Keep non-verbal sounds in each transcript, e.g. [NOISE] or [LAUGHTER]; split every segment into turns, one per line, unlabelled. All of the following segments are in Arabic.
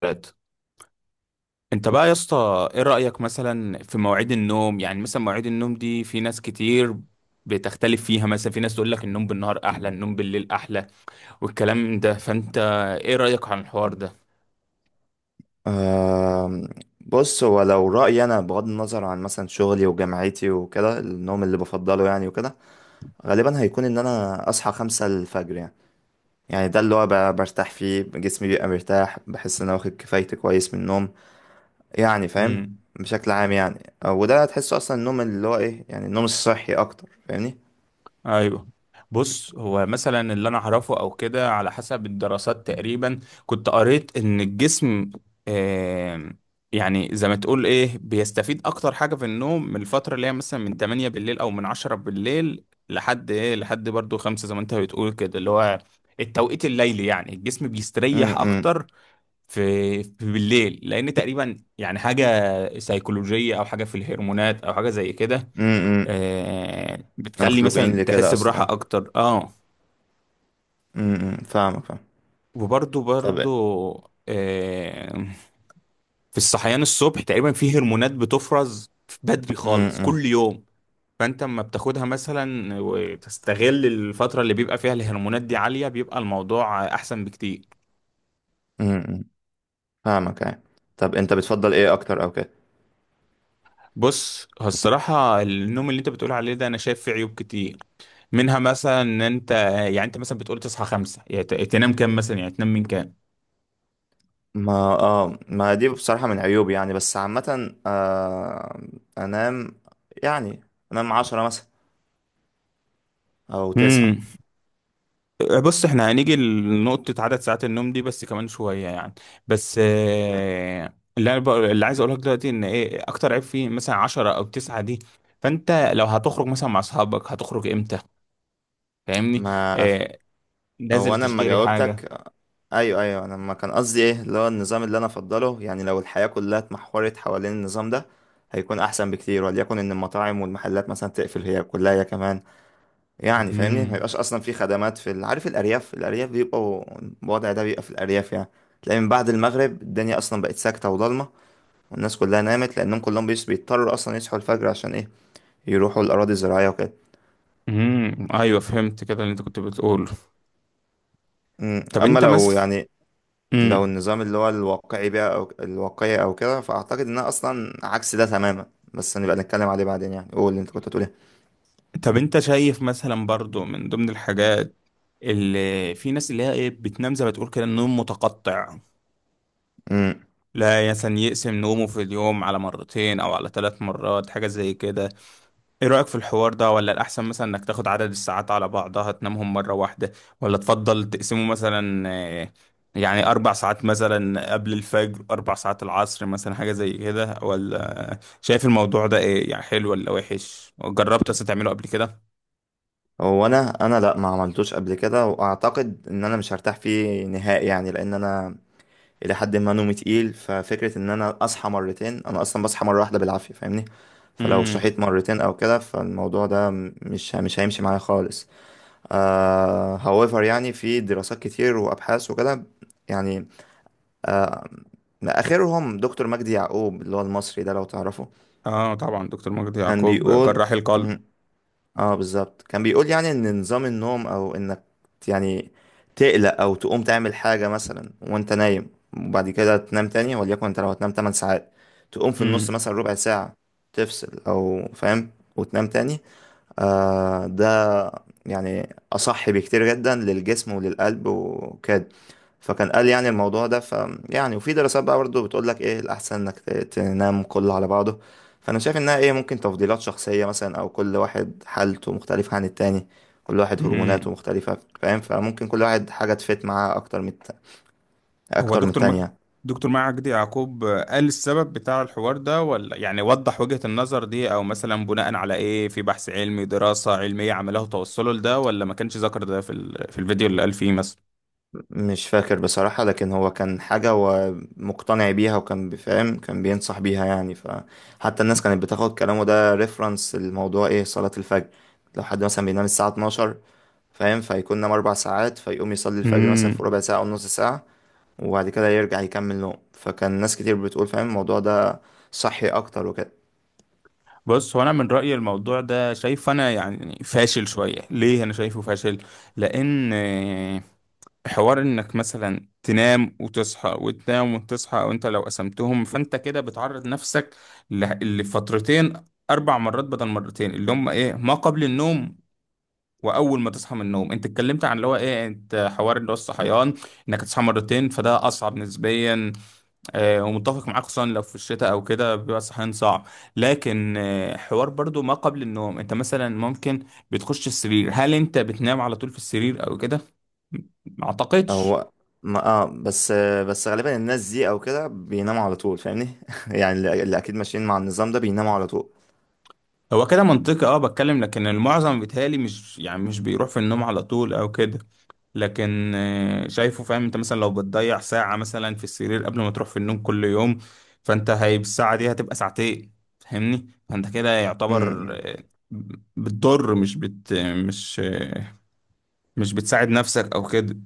ثلاث. انت بقى يا اسطى، ايه رأيك مثلا في مواعيد النوم؟ يعني مثلا مواعيد النوم دي في ناس كتير بتختلف فيها. مثلا في ناس تقول لك النوم بالنهار احلى، النوم بالليل احلى، والكلام ده. فانت ايه رأيك عن الحوار ده؟
آم، بص، هو لو رأيي أنا بغض النظر عن مثلا شغلي وجامعتي وكده، النوم اللي بفضله يعني وكده غالبا هيكون إن أنا أصحى 5 الفجر يعني. يعني ده اللي هو برتاح فيه جسمي، بيبقى مرتاح، بحس إن أنا واخد كفايتي كويس من النوم. يعني فاهم.
امم،
بشكل عام يعني، وده تحسه أصلا، النوم اللي هو إيه يعني، النوم الصحي أكتر فاهمني.
ايوه. بص، هو مثلا اللي انا اعرفه او كده، على حسب الدراسات تقريبا، كنت قريت ان الجسم، آم، يعني زي ما تقول ايه، بيستفيد اكتر حاجه في النوم من الفتره اللي هي مثلا من 8 بالليل او من 10 بالليل لحد ايه، لحد برضو 5، زي ما انت بتقول كده، اللي هو التوقيت الليلي. يعني الجسم
م-
بيستريح
م-.
اكتر في بالليل، لان تقريبا يعني حاجه سيكولوجيه، او حاجه في الهرمونات، او حاجه زي كده،
م- م.
آه،
إحنا
بتخلي
مخلوقين
مثلا
لكده
تحس
أصلا،
براحة
أه.
أكتر، اه.
م- م. فاهمك فاهم.
وبرضو
طب.
برضو آه، في الصحيان الصبح تقريبا في هرمونات بتفرز بدري
م-
خالص
م-
كل يوم. فأنت لما بتاخدها مثلا وتستغل الفترة اللي بيبقى فيها الهرمونات دي عالية، بيبقى الموضوع أحسن بكتير.
م- م. فاهمك يعني. طب، انت بتفضل ايه اكتر او كده؟
بص، هو الصراحة النوم اللي انت بتقول عليه ده انا شايف فيه عيوب كتير. منها مثلا ان انت، يعني انت مثلا بتقول تصحى خمسة، يعني تنام كام مثلا؟ يعني تنام من كام؟
ما اه ما دي بصراحة من عيوبي يعني، بس عامة، انام، يعني انام 10 مثلا او 9.
مم. بص، احنا هنيجي لنقطة عدد ساعات النوم دي بس كمان شوية يعني. بس
مم.
آه، اللي عايز اقوله لك دلوقتي ان ايه اكتر عيب فيه، مثلا عشرة او تسعة دي، فانت لو هتخرج مثلا مع اصحابك هتخرج امتى؟ فاهمني؟
ما
آه، نازل
او انا لما
تشتري حاجة.
جاوبتك، ايوه ايوه، انا ما كان قصدي ايه اللي هو النظام اللي انا افضله يعني. لو الحياة كلها اتمحورت حوالين النظام ده هيكون احسن بكتير، وليكن ان المطاعم والمحلات مثلا تقفل هي كلها هي كمان. يعني فاهمني، ما
مم.
يبقاش اصلا في خدمات في عارف الارياف، بيبقوا الوضع ده، بيبقى في الارياف يعني. تلاقي من بعد المغرب الدنيا اصلا بقت ساكته وضلمه، والناس كلها نامت، لانهم كلهم بيضطروا اصلا يصحوا الفجر عشان ايه؟ يروحوا الاراضي الزراعيه وكده.
مم. ايوه، فهمت كده اللي انت كنت بتقوله. طب
اما
انت
لو
مس
يعني، لو
مم.
النظام اللي هو الواقعي بقى او الواقعي او كده، فاعتقد انها اصلا عكس ده تماما، بس نبقى نتكلم عليه بعدين يعني. قول اللي انت كنت هتقول ايه.
طب انت شايف مثلا، برضو من ضمن الحاجات، اللي في ناس اللي هي ايه بتنام زي ما تقول كده، النوم متقطع؟
أمم.
لا مثلا يقسم نومه في اليوم على مرتين او على 3 مرات، حاجة زي كده. ايه رأيك في الحوار ده، ولا الاحسن مثلا انك تاخد عدد الساعات على بعضها تنامهم مرة واحدة، ولا تفضل تقسمه مثلا؟ آه، يعني 4 ساعات مثلا قبل الفجر، 4 ساعات العصر مثلا، حاجة زي كده. ولا شايف الموضوع ده ايه يعني، حلو ولا وحش؟ جربت اصلا تعمله قبل كده؟
هو انا لا، ما عملتوش قبل كده، واعتقد ان انا مش هرتاح فيه نهائي يعني، لان انا الى حد ما نومي تقيل، ففكره ان انا اصحى مرتين، انا اصلا بصحى مره واحده بالعافيه فاهمني. فلو
امم.
صحيت مرتين او كده، فالموضوع ده مش هيمشي معايا خالص. However يعني، في دراسات كتير وابحاث وكده، يعني اخرهم دكتور مجدي يعقوب اللي هو المصري ده لو تعرفه.
اه طبعا، دكتور مجدي
كان
يعقوب
بيقول،
جراح القلب.
اه بالظبط، كان بيقول يعني ان نظام النوم، او انك يعني تقلق او تقوم تعمل حاجة مثلا وانت نايم وبعد كده تنام تاني، وليكن انت لو هتنام 8 ساعات، تقوم في النص مثلا ربع ساعة، تفصل او فاهم، وتنام تاني. آه ده يعني أصح بكتير جدا للجسم وللقلب وكده. فكان قال يعني الموضوع ده ف، يعني وفي دراسات بقى برضه بتقول لك ايه الأحسن انك تنام كله على بعضه. فأنا شايف إنها ايه، ممكن تفضيلات شخصية مثلا، أو كل واحد حالته مختلفة عن التاني، كل واحد هرموناته
امم.
مختلفة فاهم، فممكن كل واحد حاجة تفيت معاه أكتر من
هو
أكتر من التانية.
دكتور مجدي يعقوب قال السبب بتاع الحوار ده، ولا يعني وضح وجهة النظر دي، او مثلا بناء على ايه، في بحث علمي دراسة علمية عمله توصله لده، ولا ما كانش ذكر ده في في الفيديو اللي قال فيه مثلا؟
مش فاكر بصراحة، لكن هو كان حاجة هو مقتنع بيها وكان بيفهم، كان بينصح بيها يعني، فحتى الناس كانت بتاخد كلامه ده ريفرنس. الموضوع ايه؟ صلاة الفجر. لو حد مثلا بينام الساعة 12، فاهم، فيكون نام 4 ساعات، فيقوم يصلي الفجر مثلا
امم.
في ربع ساعة أو نص ساعة، وبعد كده يرجع يكمل نوم. فكان ناس كتير بتقول فاهم الموضوع ده صحي أكتر وكده.
بص، هو انا من رايي الموضوع ده شايف انا يعني فاشل شويه. ليه انا شايفه فاشل؟ لان حوار انك مثلا تنام وتصحى وتنام وتصحى، او انت لو قسمتهم فانت كده بتعرض نفسك لفترتين، 4 مرات بدل مرتين، اللي هم ايه ما قبل النوم واول ما تصحى من النوم. انت اتكلمت عن اللي هو ايه، انت حوار اللي هو
م.
الصحيان، انك تصحى مرتين، فده اصعب نسبيا، آه، ومتفق معاك، خصوصا لو في الشتاء او كده بيبقى الصحيان صعب. لكن آه، حوار برضو ما قبل النوم، انت مثلا ممكن بتخش السرير، هل انت بتنام على طول في السرير او كده؟ ما اعتقدش.
هو ما اه بس، غالبا الناس دي او كده بيناموا على طول فاهمني. [LAUGHS] يعني اللي اكيد ماشيين مع النظام ده بيناموا على طول.
هو كده منطقي، اه بتكلم، لكن المعظم بيتهيألي مش يعني مش بيروح في النوم على طول او كده. لكن آه، شايفه، فاهم؟ انت مثلا لو بتضيع ساعة مثلا في السرير قبل ما تروح في النوم كل يوم، فانت هي الساعة دي هتبقى ساعتين. فاهمني؟ فانت كده
م-
يعتبر
م.
آه، بتضر، مش بت مش آه، مش بتساعد نفسك او كده.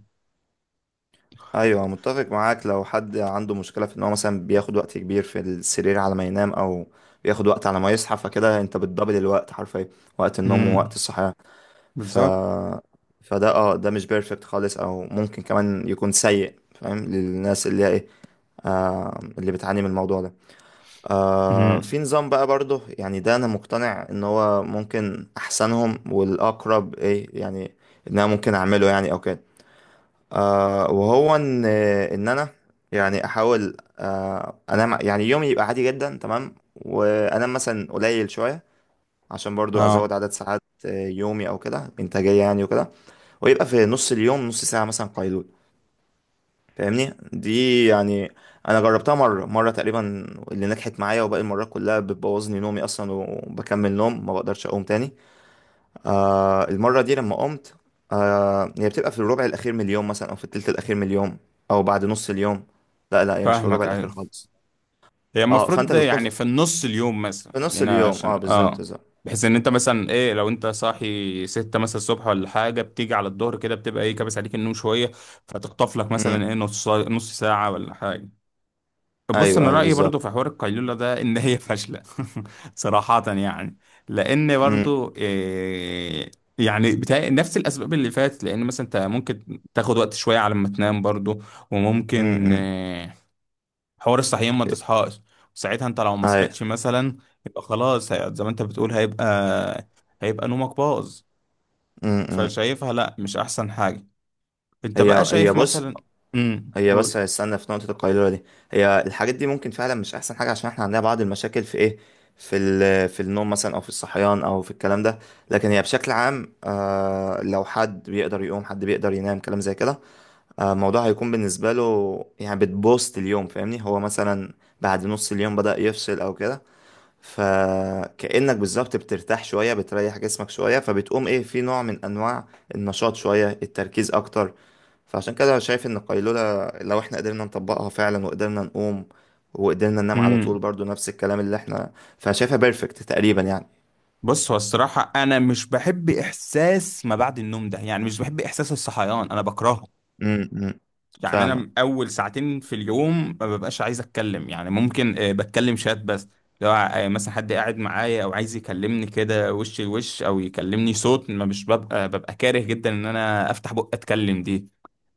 ايوه متفق معاك، لو حد عنده مشكله في ان هو مثلا بياخد وقت كبير في السرير على ما ينام، او بياخد وقت على ما يصحى، فكده انت بتدبل الوقت حرفيا، وقت النوم ووقت
امم،
الصحيان. ف
بالظبط.
فده اه، ده مش بيرفكت خالص، او ممكن كمان يكون سيء فاهم، للناس اللي هي ايه، اللي بتعاني من الموضوع ده. آه،
امم،
في نظام بقى برضه يعني، ده انا مقتنع ان هو ممكن احسنهم والاقرب ايه يعني، ان انا ممكن اعمله يعني او كده. آه، وهو ان انا يعني احاول، انام يعني يومي يبقى عادي جدا تمام، وانام مثلا قليل شويه، عشان برضو
اه
ازود عدد ساعات، يومي او كده، انتاجيه يعني وكده. ويبقى في نص اليوم نص ساعه مثلا قيلول فاهمني دي يعني. انا جربتها مره تقريبا اللي نجحت معايا، وباقي المرات كلها بتبوظني نومي اصلا، وبكمل نوم ما بقدرش اقوم تاني. المرة دي لما قمت، هي بتبقى في الربع الأخير من اليوم مثلا، أو في التلت الأخير من اليوم، أو بعد نص اليوم. لا، لا، هي مش في الربع
فاهمك،
الأخير
أيوة.
خالص.
هي
اه،
المفروض
فأنت
ده
بتكون في،
يعني في النص اليوم مثلا،
في نص
خلينا
اليوم،
عشان
اه بالظبط
اه،
بالظبط.
بحيث ان انت مثلا ايه، لو انت صاحي ستة مثلا الصبح ولا حاجة، بتيجي على الظهر كده بتبقى ايه كابس عليك النوم شوية، فتخطف لك
أمم،
مثلا ايه نص نص ساعة ولا حاجة. بص،
أيوه
انا
أيوه
رأيي
بالظبط.
برضو في حوار القيلولة ده ان هي فاشلة. [LAUGHS] صراحة يعني. لان
أمم.
برضو إيه، يعني بتاع نفس الاسباب اللي فاتت، لان مثلا انت ممكن تاخد وقت شويه على ما تنام برضو،
أمم.
وممكن
أمم.
آه، حوار الصحيان ما تصحاش. ساعتها انت لو ما
أيوه.
صحيتش مثلا، يبقى خلاص زي ما انت بتقول، هيبقى نومك باظ.
أمم. أمم.
فشايفها لا، مش احسن حاجة. انت بقى
هي
شايف
بص،
مثلا. امم،
هي بس
قول.
استنى في نقطة القيلولة دي. هي الحاجات دي ممكن فعلا مش أحسن حاجة، عشان احنا عندنا بعض المشاكل في ايه، في في النوم مثلا أو في الصحيان أو في الكلام ده. لكن هي بشكل عام، آه، لو حد بيقدر يقوم، حد بيقدر ينام كلام زي كده، الموضوع هيكون بالنسبة له يعني بتبوست اليوم فاهمني. هو مثلا بعد نص اليوم بدأ يفصل أو كده، فكأنك بالظبط بترتاح شوية، بتريح جسمك شوية، فبتقوم ايه في نوع من انواع النشاط شوية، التركيز اكتر. فعشان كده أنا شايف ان القيلولة لو احنا قدرنا نطبقها فعلا وقدرنا نقوم، وقدرنا ننام على طول
امم.
برضو نفس الكلام اللي احنا، فشايفها بيرفكت تقريبا يعني.
بص، هو الصراحة انا مش بحب احساس ما بعد النوم ده. يعني مش بحب احساس الصحيان، انا بكرهه.
امم.
يعني
فاهمة.
انا اول ساعتين في اليوم ما ببقاش عايز اتكلم. يعني ممكن آه، بتكلم شات بس. لو آه، مثلا حد قاعد معايا او عايز يكلمني كده وش لوش او يكلمني صوت، ما مش ببقى كاره جدا ان انا افتح بق اتكلم دي.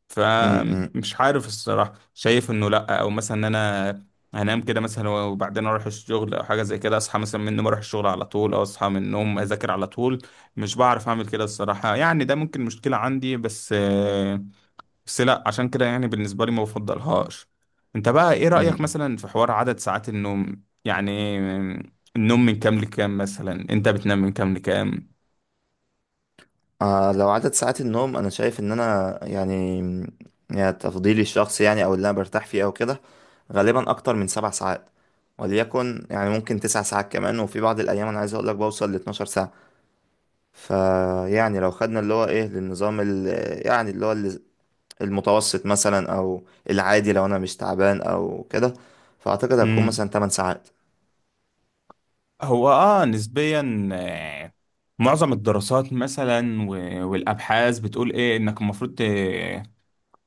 فمش عارف الصراحة، شايف انه لا. او مثلا ان انا هنام كده مثلا وبعدين اروح الشغل او حاجة زي كده، اصحى مثلا من النوم اروح الشغل على طول، او اصحى من النوم اذاكر على طول، مش بعرف اعمل كده الصراحة يعني. ده ممكن مشكلة عندي، بس آه، بس لا، عشان كده يعني بالنسبة لي ما بفضلهاش. انت بقى ايه رأيك
امم.
مثلا في حوار عدد ساعات النوم يعني؟ النوم من كام لكام مثلا؟ انت بتنام من كام لكام؟
لو عدد ساعات النوم، انا شايف ان انا يعني، يعني تفضيلي الشخصي يعني او اللي انا برتاح فيه او كده، غالبا اكتر من 7 ساعات، وليكن يعني ممكن 9 ساعات كمان، وفي بعض الايام انا عايز اقول لك بوصل ل 12 ساعة. فيعني لو خدنا اللي هو ايه للنظام يعني اللي هو المتوسط مثلا، او العادي لو انا مش تعبان او كده، فاعتقد هتكون مثلا
امم.
8 ساعات.
هو اه نسبيا آه، معظم الدراسات مثلا والابحاث بتقول ايه، انك المفروض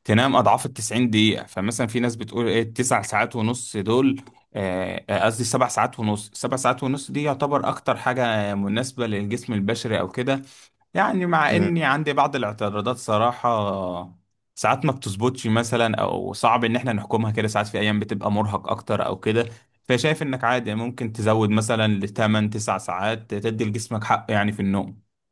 تنام اضعاف ال 90 دقيقه. فمثلا في ناس بتقول ايه 9 ساعات ونص، دول آه، قصدي 7 ساعات ونص. 7 ساعات ونص دي يعتبر اكتر حاجه آه، مناسبه للجسم البشري او كده. يعني مع اني عندي بعض الاعتراضات صراحه. ساعات ما بتظبطش مثلا، او صعب ان احنا نحكمها كده. ساعات في ايام بتبقى مرهق اكتر او كده، فشايف انك عادي ممكن تزود مثلا لتمن 9 ساعات تدي لجسمك حق يعني في النوم